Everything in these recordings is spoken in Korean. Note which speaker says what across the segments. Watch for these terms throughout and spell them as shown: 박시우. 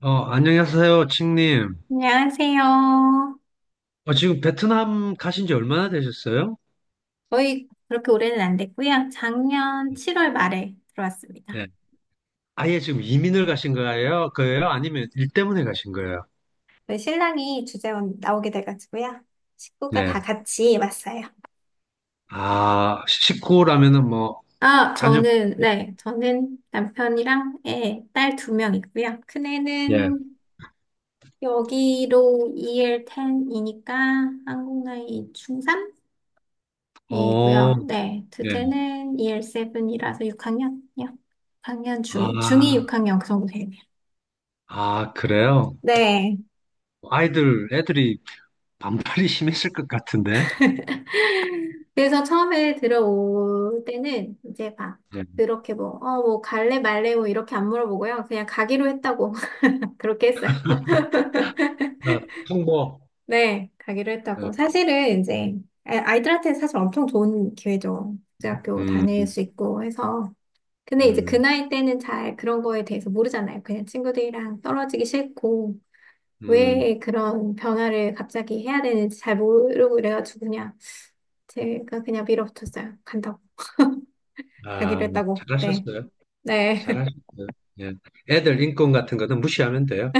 Speaker 1: 안녕하세요, 칭님.
Speaker 2: 안녕하세요.
Speaker 1: 지금 베트남 가신 지 얼마나 되셨어요?
Speaker 2: 거의 그렇게 오래는 안 됐고요. 작년 7월 말에 들어왔습니다.
Speaker 1: 네. 아예 지금 이민을 가신 거예요? 그예요? 아니면 일 때문에 가신 거예요?
Speaker 2: 저희 신랑이 주재원 나오게 돼가지고요. 식구가
Speaker 1: 네.
Speaker 2: 다 같이 왔어요.
Speaker 1: 아, 식구라면은 뭐,
Speaker 2: 아,
Speaker 1: 자녀,
Speaker 2: 저는, 네, 저는 남편이랑 애, 딸 두 명 있고요.
Speaker 1: 예.
Speaker 2: 큰애는 여기로 EL10이니까 한국 나이
Speaker 1: 어,
Speaker 2: 중3이고요. 네,
Speaker 1: 예.
Speaker 2: 둘째는 EL7이라서 6학년이요. 6학년 중2, 중2
Speaker 1: 아,
Speaker 2: 6학년 그 정도 되네요.
Speaker 1: 아, 그래요?
Speaker 2: 네.
Speaker 1: 아이들, 애들이 반팔이 심했을 것 같은데.
Speaker 2: 그래서 처음에 들어올 때는 이제 막
Speaker 1: 예.
Speaker 2: 그렇게 뭐, 뭐 갈래 말래 뭐 이렇게 안 물어보고요. 그냥 가기로 했다고 그렇게 했어요.
Speaker 1: 아, 통보.
Speaker 2: 네, 가기로
Speaker 1: 어,
Speaker 2: 했다고. 사실은 이제 아이들한테 사실 엄청 좋은 기회죠. 국제학교 다닐
Speaker 1: 음,
Speaker 2: 수 있고 해서. 근데 이제 그
Speaker 1: 음,
Speaker 2: 나이 때는 잘 그런 거에 대해서 모르잖아요. 그냥 친구들이랑 떨어지기 싫고
Speaker 1: 음.
Speaker 2: 왜 그런 변화를 갑자기 해야 되는지 잘 모르고 그래가지고 그냥 제가 그냥 밀어붙였어요. 간다고. 가기로
Speaker 1: 아,
Speaker 2: 했다고. 네.
Speaker 1: 잘하셨어요.
Speaker 2: 네.
Speaker 1: 잘할 수 있어요. 예. 애들 인권 같은 거는 무시하면 돼요.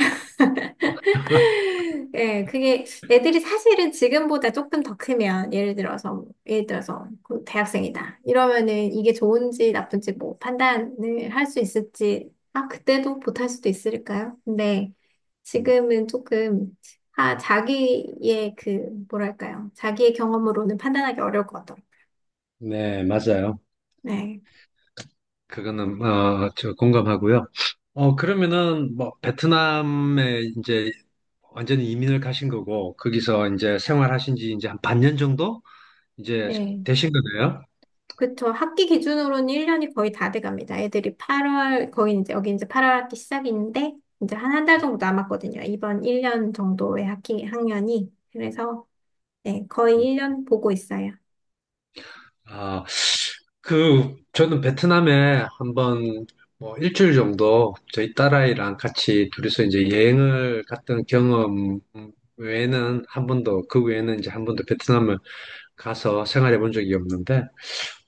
Speaker 2: 예, 그게 애들이 사실은 지금보다 조금 더 크면 예를 들어서 뭐, 예를 들어서 그 대학생이다 이러면은 이게 좋은지 나쁜지 뭐 판단을 할 수 있을지 아 그때도 못할 수도 있을까요? 근데
Speaker 1: 음.
Speaker 2: 지금은 조금 아 자기의 그 뭐랄까요 자기의 경험으로는 판단하기 어려울 것 같아요.
Speaker 1: 네, 맞아요.
Speaker 2: 네,
Speaker 1: 그거는 저 공감하고요. 그러면은 뭐 베트남에 이제 완전히 이민을 가신 거고 거기서 이제 생활하신 지 이제 한 반년 정도 이제
Speaker 2: 예.
Speaker 1: 되신 거네요.
Speaker 2: 그쵸. 학기 기준으로는 1년이 거의 다 돼갑니다. 애들이 8월, 거의 이제, 여기 이제 8월 학기 시작인데, 이제 한 한 달 정도 남았거든요. 이번 1년 정도의 학기, 학년이. 그래서, 네, 거의
Speaker 1: 음.
Speaker 2: 1년 보고 있어요.
Speaker 1: 아, 그, 저는 베트남에 한번 뭐 일주일 정도 저희 딸아이랑 같이 둘이서 이제 여행을 갔던 경험 외에는 한 번도, 그 외에는 이제 한 번도 베트남을 가서 생활해 본 적이 없는데,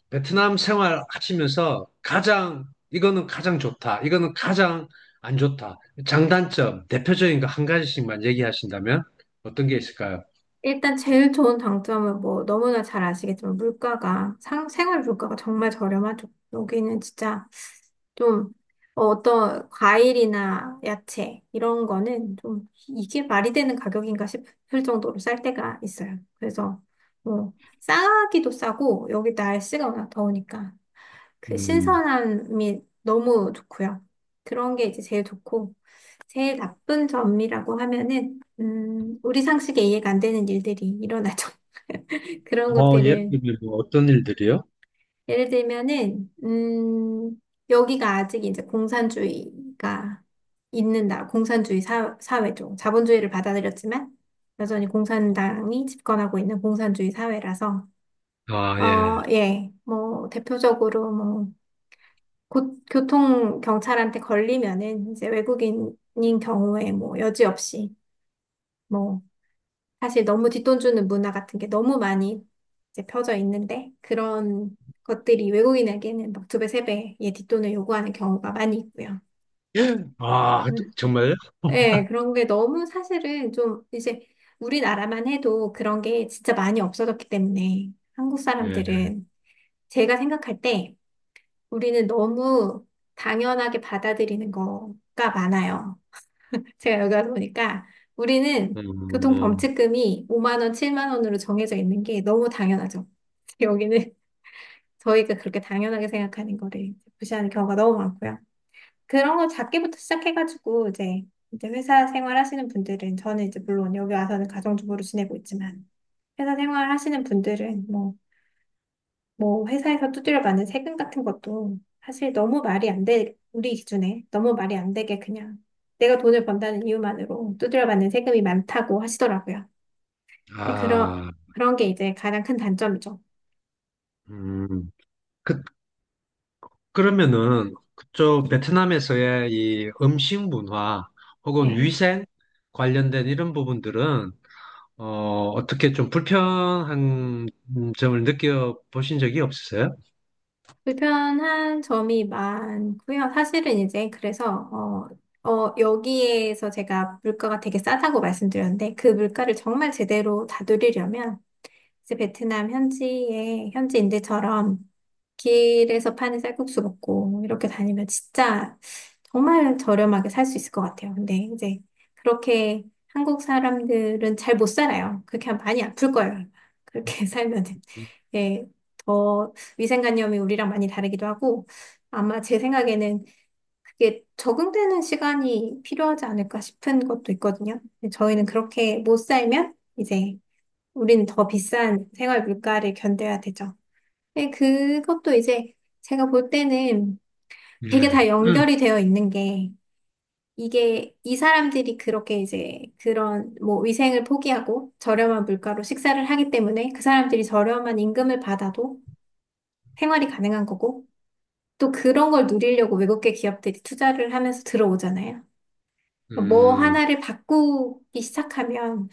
Speaker 1: 베트남 생활 하시면서 가장, 이거는 가장 좋다, 이거는 가장 안 좋다, 장단점, 대표적인 거 한 가지씩만 얘기하신다면 어떤 게 있을까요?
Speaker 2: 일단 제일 좋은 장점은 뭐, 너무나 잘 아시겠지만, 물가가, 상, 생활 물가가 정말 저렴하죠. 여기는 진짜 좀 어떤 과일이나 야채 이런 거는 좀 이게 말이 되는 가격인가 싶을 정도로 쌀 때가 있어요. 그래서 뭐 싸기도 싸고 여기 날씨가 워낙 더우니까 그
Speaker 1: 음,
Speaker 2: 신선함이 너무 좋고요. 그런 게 이제 제일 좋고 제일 나쁜 점이라고 하면은 우리 상식에 이해가 안 되는 일들이 일어나죠. 그런
Speaker 1: 예를
Speaker 2: 것들을
Speaker 1: 들면 뭐 어떤 일들이요?
Speaker 2: 예를 들면은, 여기가 아직 이제 공산주의가 있는 나라, 공산주의 사, 사회죠. 자본주의를 받아들였지만, 여전히 공산당이 집권하고 있는 공산주의 사회라서,
Speaker 1: 아, 예.
Speaker 2: 예, 뭐, 대표적으로 뭐, 고, 교통 경찰한테 걸리면은, 이제 외국인인 경우에 뭐, 여지없이, 뭐, 사실 너무 뒷돈 주는 문화 같은 게 너무 많이 이제 펴져 있는데 그런 것들이 외국인에게는 막 두 배, 세 배의 뒷돈을 요구하는 경우가 많이 있고요.
Speaker 1: 아,
Speaker 2: 음.
Speaker 1: 정말?
Speaker 2: 네, 그런 게 너무 사실은 좀 이제 우리나라만 해도 그런 게 진짜 많이 없어졌기 때문에 한국
Speaker 1: 예.
Speaker 2: 사람들은 제가 생각할 때 우리는 너무 당연하게 받아들이는 거가 많아요. 제가 여기 와서 보니까 우리는
Speaker 1: 음,
Speaker 2: 교통범칙금이 5만 원, 7만 원으로 정해져 있는 게 너무 당연하죠. 여기는 저희가 그렇게 당연하게 생각하는 거를 무시하는 경우가 너무 많고요. 그런 거 작게부터 시작해가지고 이제 이제 회사 생활하시는 분들은 저는 이제 물론 여기 와서는 가정주부로 지내고 있지만 회사 생활하시는 분들은 뭐 회사에서 두드려 맞는 세금 같은 것도 사실 너무 말이 안 돼, 우리 기준에 너무 말이 안 되게 그냥 내가 돈을 번다는 이유만으로 두드려 맞는 세금이 많다고 하시더라고요. 그런,
Speaker 1: 아,
Speaker 2: 그런 게 이제 가장 큰 단점이죠.
Speaker 1: 음. 그, 그러면은, 그쪽 베트남에서의 이 음식 문화 혹은
Speaker 2: 네.
Speaker 1: 위생 관련된 이런 부분들은, 어, 어떻게 좀 불편한 점을 느껴보신 적이 없으세요?
Speaker 2: 불편한 점이 많고요. 사실은 이제 그래서 여기에서 제가 물가가 되게 싸다고 말씀드렸는데 그 물가를 정말 제대로 다스리려면 그래서 베트남 현지에 현지인들처럼 길에서 파는 쌀국수 먹고 이렇게 다니면 진짜 정말 저렴하게 살 수 있을 것 같아요. 근데 이제 그렇게 한국 사람들은 잘 못 살아요. 그렇게 하면 많이 아플 거예요. 그렇게 살면은. 예, 더 위생관념이 우리랑 많이 다르기도 하고 아마 제 생각에는 그게 적응되는 시간이 필요하지 않을까 싶은 것도 있거든요. 근데 저희는 그렇게 못 살면 이제 우린 더 비싼 생활 물가를 견뎌야 되죠. 예, 그것도 이제 제가 볼 때는 되게
Speaker 1: 예.
Speaker 2: 다
Speaker 1: 음,
Speaker 2: 연결이 되어 있는 게 이게 이 사람들이 그렇게 이제 그런 뭐 위생을 포기하고 저렴한 물가로 식사를 하기 때문에 그 사람들이 저렴한 임금을 받아도 생활이 가능한 거고 또 그런 걸 누리려고 외국계 기업들이 투자를 하면서 들어오잖아요. 뭐
Speaker 1: 음,
Speaker 2: 하나를 바꾸기 시작하면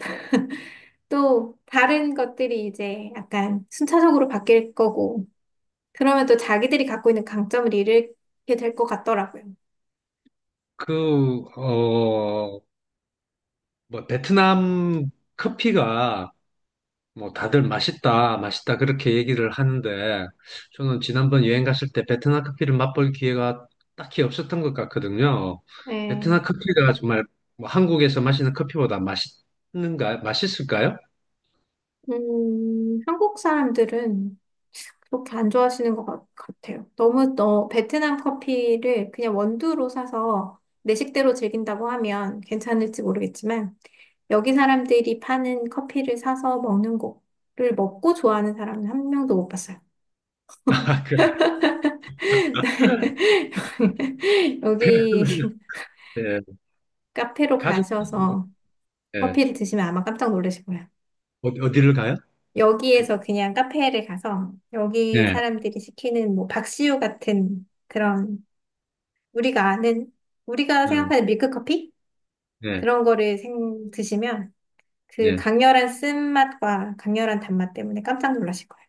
Speaker 2: 또 다른 것들이 이제 약간 순차적으로 바뀔 거고 그러면 또 자기들이 갖고 있는 강점을 잃게 될 것 같더라고요.
Speaker 1: 그, 뭐, 베트남 커피가 뭐 다들 맛있다, 맛있다 그렇게 얘기를 하는데 저는 지난번 여행 갔을 때 베트남 커피를 맛볼 기회가 딱히 없었던 것 같거든요.
Speaker 2: 네.
Speaker 1: 베트남 커피가 정말 뭐 한국에서 마시는 커피보다 맛있는가, 맛있을까요?
Speaker 2: 한국 사람들은 그렇게 안 좋아하시는 것 같아요. 너무 너 베트남 커피를 그냥 원두로 사서 내 식대로 즐긴다고 하면 괜찮을지 모르겠지만 여기 사람들이 파는 커피를 사서 먹는 거를 먹고 좋아하는 사람은 한 명도 못 봤어요.
Speaker 1: 아, 그래.
Speaker 2: 여기
Speaker 1: 예.
Speaker 2: 카페로
Speaker 1: 가족,
Speaker 2: 가셔서
Speaker 1: 예.
Speaker 2: 커피를 드시면 아마 깜짝 놀라실 거예요.
Speaker 1: 어디를 가요? 그-
Speaker 2: 여기에서 그냥 카페를 가서 여기
Speaker 1: 예.
Speaker 2: 사람들이 시키는 뭐 박시우 같은 그런 우리가 아는 우리가
Speaker 1: 음,
Speaker 2: 생각하는 밀크커피
Speaker 1: 예.
Speaker 2: 그런 거를 드시면 그
Speaker 1: 예.
Speaker 2: 강렬한 쓴맛과 강렬한 단맛 때문에 깜짝 놀라실 거예요.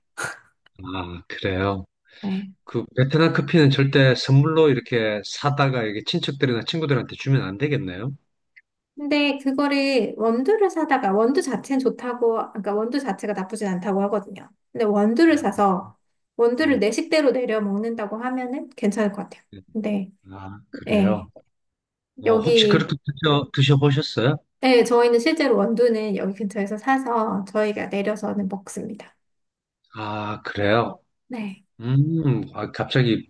Speaker 1: 아, 그래요.
Speaker 2: 네.
Speaker 1: 그 베트남 커피는 절대 선물로 이렇게 사다가 이게 친척들이나 친구들한테 주면 안 되겠네요.
Speaker 2: 근데 그거를 원두를 사다가 원두 자체는 좋다고 그러니까 원두 자체가 나쁘진 않다고 하거든요. 근데 원두를
Speaker 1: 아,
Speaker 2: 사서 원두를 내 식대로 내려 먹는다고 하면은 괜찮을 것 같아요.
Speaker 1: 예.
Speaker 2: 근데
Speaker 1: 아,
Speaker 2: 네
Speaker 1: 그래요? 혹시
Speaker 2: 여기
Speaker 1: 그렇게 드셔보셨어요?
Speaker 2: 네, 저희는 실제로 원두는 여기 근처에서 사서 저희가 내려서는 먹습니다.
Speaker 1: 아, 그래요?
Speaker 2: 네.
Speaker 1: 아, 갑자기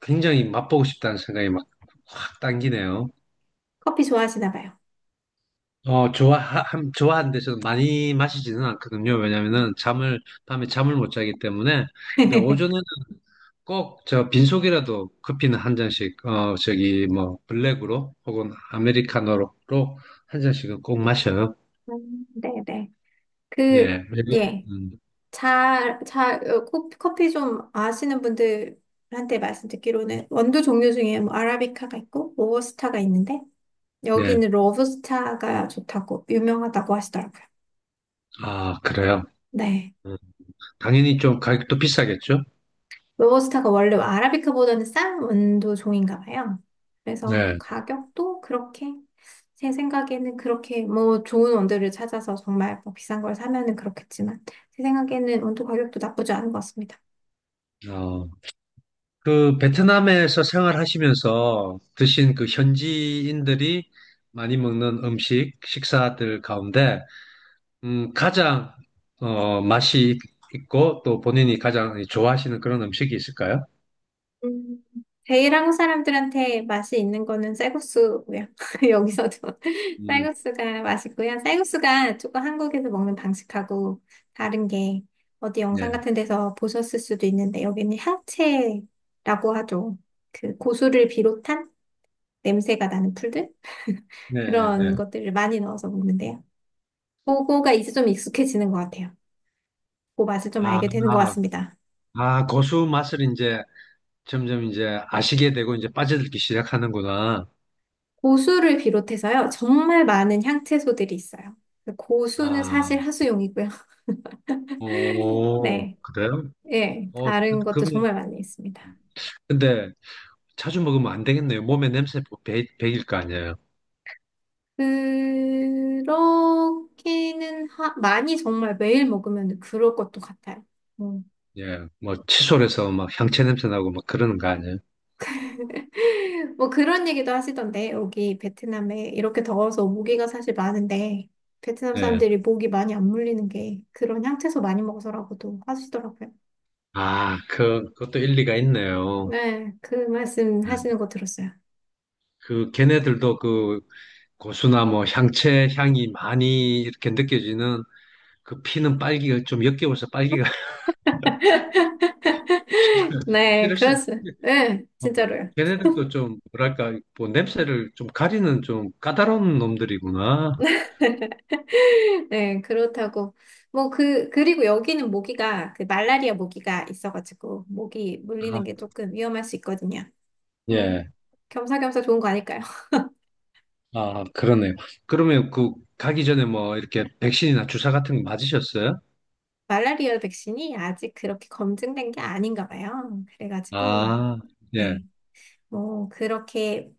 Speaker 1: 굉장히 맛보고 싶다는 생각이 막 확 당기네요.
Speaker 2: 커피 좋아하시나 봐요.
Speaker 1: 좋아하는데 저는 많이 마시지는 않거든요.
Speaker 2: 음.
Speaker 1: 왜냐면은 밤에 잠을 못 자기 때문에. 근데 오전에는 꼭 저 빈속이라도 커피는 한 잔씩, 저기 뭐 블랙으로 혹은 아메리카노로 한 잔씩은 꼭 마셔요.
Speaker 2: 네네. 그,
Speaker 1: 예.
Speaker 2: 예.
Speaker 1: 음,
Speaker 2: 커피 좀 아시는 분들한테 말씀 듣기로는 원두 종류 중에 뭐 아라비카가 있고 로부스타가 있는데
Speaker 1: 예.
Speaker 2: 여기는 로부스타가 좋다고 유명하다고 하시더라고요.
Speaker 1: 아, 그래요?
Speaker 2: 네.
Speaker 1: 음. 당연히 좀 가격도 비싸겠죠?
Speaker 2: 로버스타가 원래 아라비카보다는 싼 원두 종인가 봐요. 그래서
Speaker 1: 네.
Speaker 2: 가격도 그렇게 제 생각에는 그렇게 뭐 좋은 원두를 찾아서 정말 뭐 비싼 걸 사면은 그렇겠지만 제 생각에는 원두 가격도 나쁘지 않은 것 같습니다.
Speaker 1: 어, 그 베트남에서 생활하시면서 드신 그 현지인들이 많이 먹는 음식, 식사들 가운데 가장 맛이 있고 또 본인이 가장 좋아하시는 그런 음식이 있을까요?
Speaker 2: 음, 제일 한국 사람들한테 맛이 있는 거는 쌀국수고요. 여기서도
Speaker 1: 음,
Speaker 2: 쌀국수가 맛있고요. 쌀국수가 조금 한국에서 먹는 방식하고 다른 게 어디 영상
Speaker 1: 네.
Speaker 2: 같은 데서 보셨을 수도 있는데 여기는 향채라고 하죠. 그 고수를 비롯한 냄새가 나는 풀들
Speaker 1: 네,
Speaker 2: 그런
Speaker 1: 네.
Speaker 2: 것들을 많이 넣어서 먹는데요. 그거가 이제 좀 익숙해지는 것 같아요. 그 맛을 좀
Speaker 1: 아,
Speaker 2: 알게 되는 것 같습니다.
Speaker 1: 아, 고수 맛을 이제 점점 이제 아시게 되고 이제 빠져들기 시작하는구나.
Speaker 2: 고수를 비롯해서요, 정말 많은 향채소들이 있어요. 고수는 사실
Speaker 1: 아,
Speaker 2: 하수용이고요.
Speaker 1: 오,
Speaker 2: 네,
Speaker 1: 그래요?
Speaker 2: 예, 다른 것도
Speaker 1: 그러면
Speaker 2: 정말 많이 있습니다.
Speaker 1: 근데 자주 먹으면 안 되겠네요. 몸에 냄새 뭐 배길 거 아니에요.
Speaker 2: 그렇게는 많이 정말 매일 먹으면 그럴 것도 같아요. 음.
Speaker 1: 예, 뭐 칫솔 에서 막 향채 냄새 나고 막 그러는 거 아니에요.
Speaker 2: 뭐 그런 얘기도 하시던데, 여기 베트남에 이렇게 더워서 모기가 사실 많은데, 베트남
Speaker 1: 예.
Speaker 2: 사람들이 모기 많이 안 물리는 게 그런 향채소 많이 먹어서라고도 하시더라고요.
Speaker 1: 아, 그것도 일리가 있네요.
Speaker 2: 네, 그 말씀
Speaker 1: 예.
Speaker 2: 하시는 거 들었어요.
Speaker 1: 그 걔네들도 그 고수나 뭐 향채 향이 많이 이렇게 느껴지는 그 피는 빨기가 좀 역겨워서 빨기가
Speaker 2: 네,
Speaker 1: 싫을 수도
Speaker 2: 그렇습니다. 네,
Speaker 1: 있고
Speaker 2: 진짜로요.
Speaker 1: 걔네들도 좀 뭐랄까 뭐 냄새를 좀 가리는 좀 까다로운 놈들이구나.
Speaker 2: 네, 그렇다고. 뭐, 그리고 여기는 모기가, 그 말라리아 모기가 있어가지고, 모기
Speaker 1: 아,
Speaker 2: 물리는 게 조금 위험할 수 있거든요. 어,
Speaker 1: 예.
Speaker 2: 겸사겸사 좋은 거 아닐까요?
Speaker 1: 아, 그러네요. 그러면 그 가기 전에 뭐 이렇게 백신이나 주사 같은 거 맞으셨어요?
Speaker 2: 말라리아 백신이 아직 그렇게 검증된 게 아닌가 봐요. 그래가지고,
Speaker 1: 아, 예.
Speaker 2: 네, 뭐, 그렇게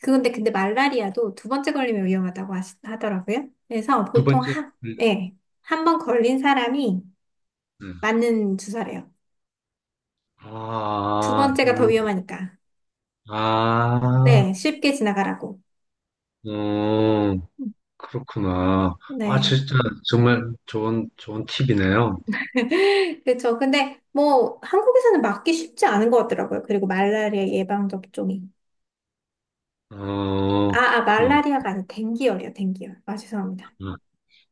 Speaker 2: 그건데 근데 말라리아도 두 번째 걸리면 위험하다고 하더라고요. 그래서
Speaker 1: 두
Speaker 2: 보통
Speaker 1: 번째.
Speaker 2: 한,
Speaker 1: 음,
Speaker 2: 예, 한 번 걸린 사람이
Speaker 1: 음.
Speaker 2: 맞는 주사래요. 두
Speaker 1: 아,
Speaker 2: 번째가 더 위험하니까.
Speaker 1: 아,
Speaker 2: 네, 쉽게 지나가라고.
Speaker 1: 음,
Speaker 2: 음,
Speaker 1: 그렇구나. 아,
Speaker 2: 네.
Speaker 1: 진짜 정말 좋은 좋은 팁이네요.
Speaker 2: 그렇죠. 근데 뭐 한국에서는 맞기 쉽지 않은 것 같더라고요. 그리고 말라리아 예방 접종이. 아, 아,
Speaker 1: 그렇구나.
Speaker 2: 말라리아가 아니라 댕기열이요. 댕기열. 아, 죄송합니다.
Speaker 1: 아,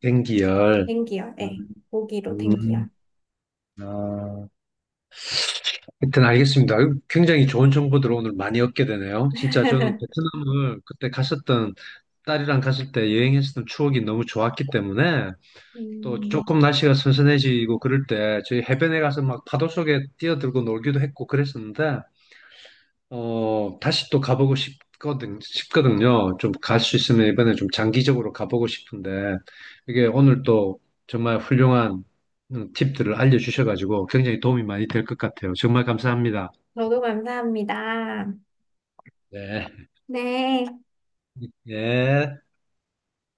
Speaker 1: 땡기열.
Speaker 2: 댕기열. 예.
Speaker 1: 음,
Speaker 2: 모기로
Speaker 1: 음,
Speaker 2: 댕기열.
Speaker 1: 아. 일단 알겠습니다. 아유, 굉장히 좋은 정보들 오늘 많이 얻게 되네요. 진짜 저는 베트남을 그때 갔었던 딸이랑 갔을 때 여행했었던 추억이 너무 좋았기 때문에 또
Speaker 2: 음,
Speaker 1: 조금 날씨가 선선해지고 그럴 때 저희 해변에 가서 막 파도 속에 뛰어들고 놀기도 했고 그랬었는데 다시 또 가보고 싶거든요. 좀 갈 수 있으면 이번에 좀 장기적으로 가보고 싶은데 이게 오늘 또 정말 훌륭한 팁들을 알려주셔가지고 굉장히 도움이 많이 될 것 같아요. 정말 감사합니다.
Speaker 2: 저도 감사합니다.
Speaker 1: 네.
Speaker 2: 네.
Speaker 1: 예.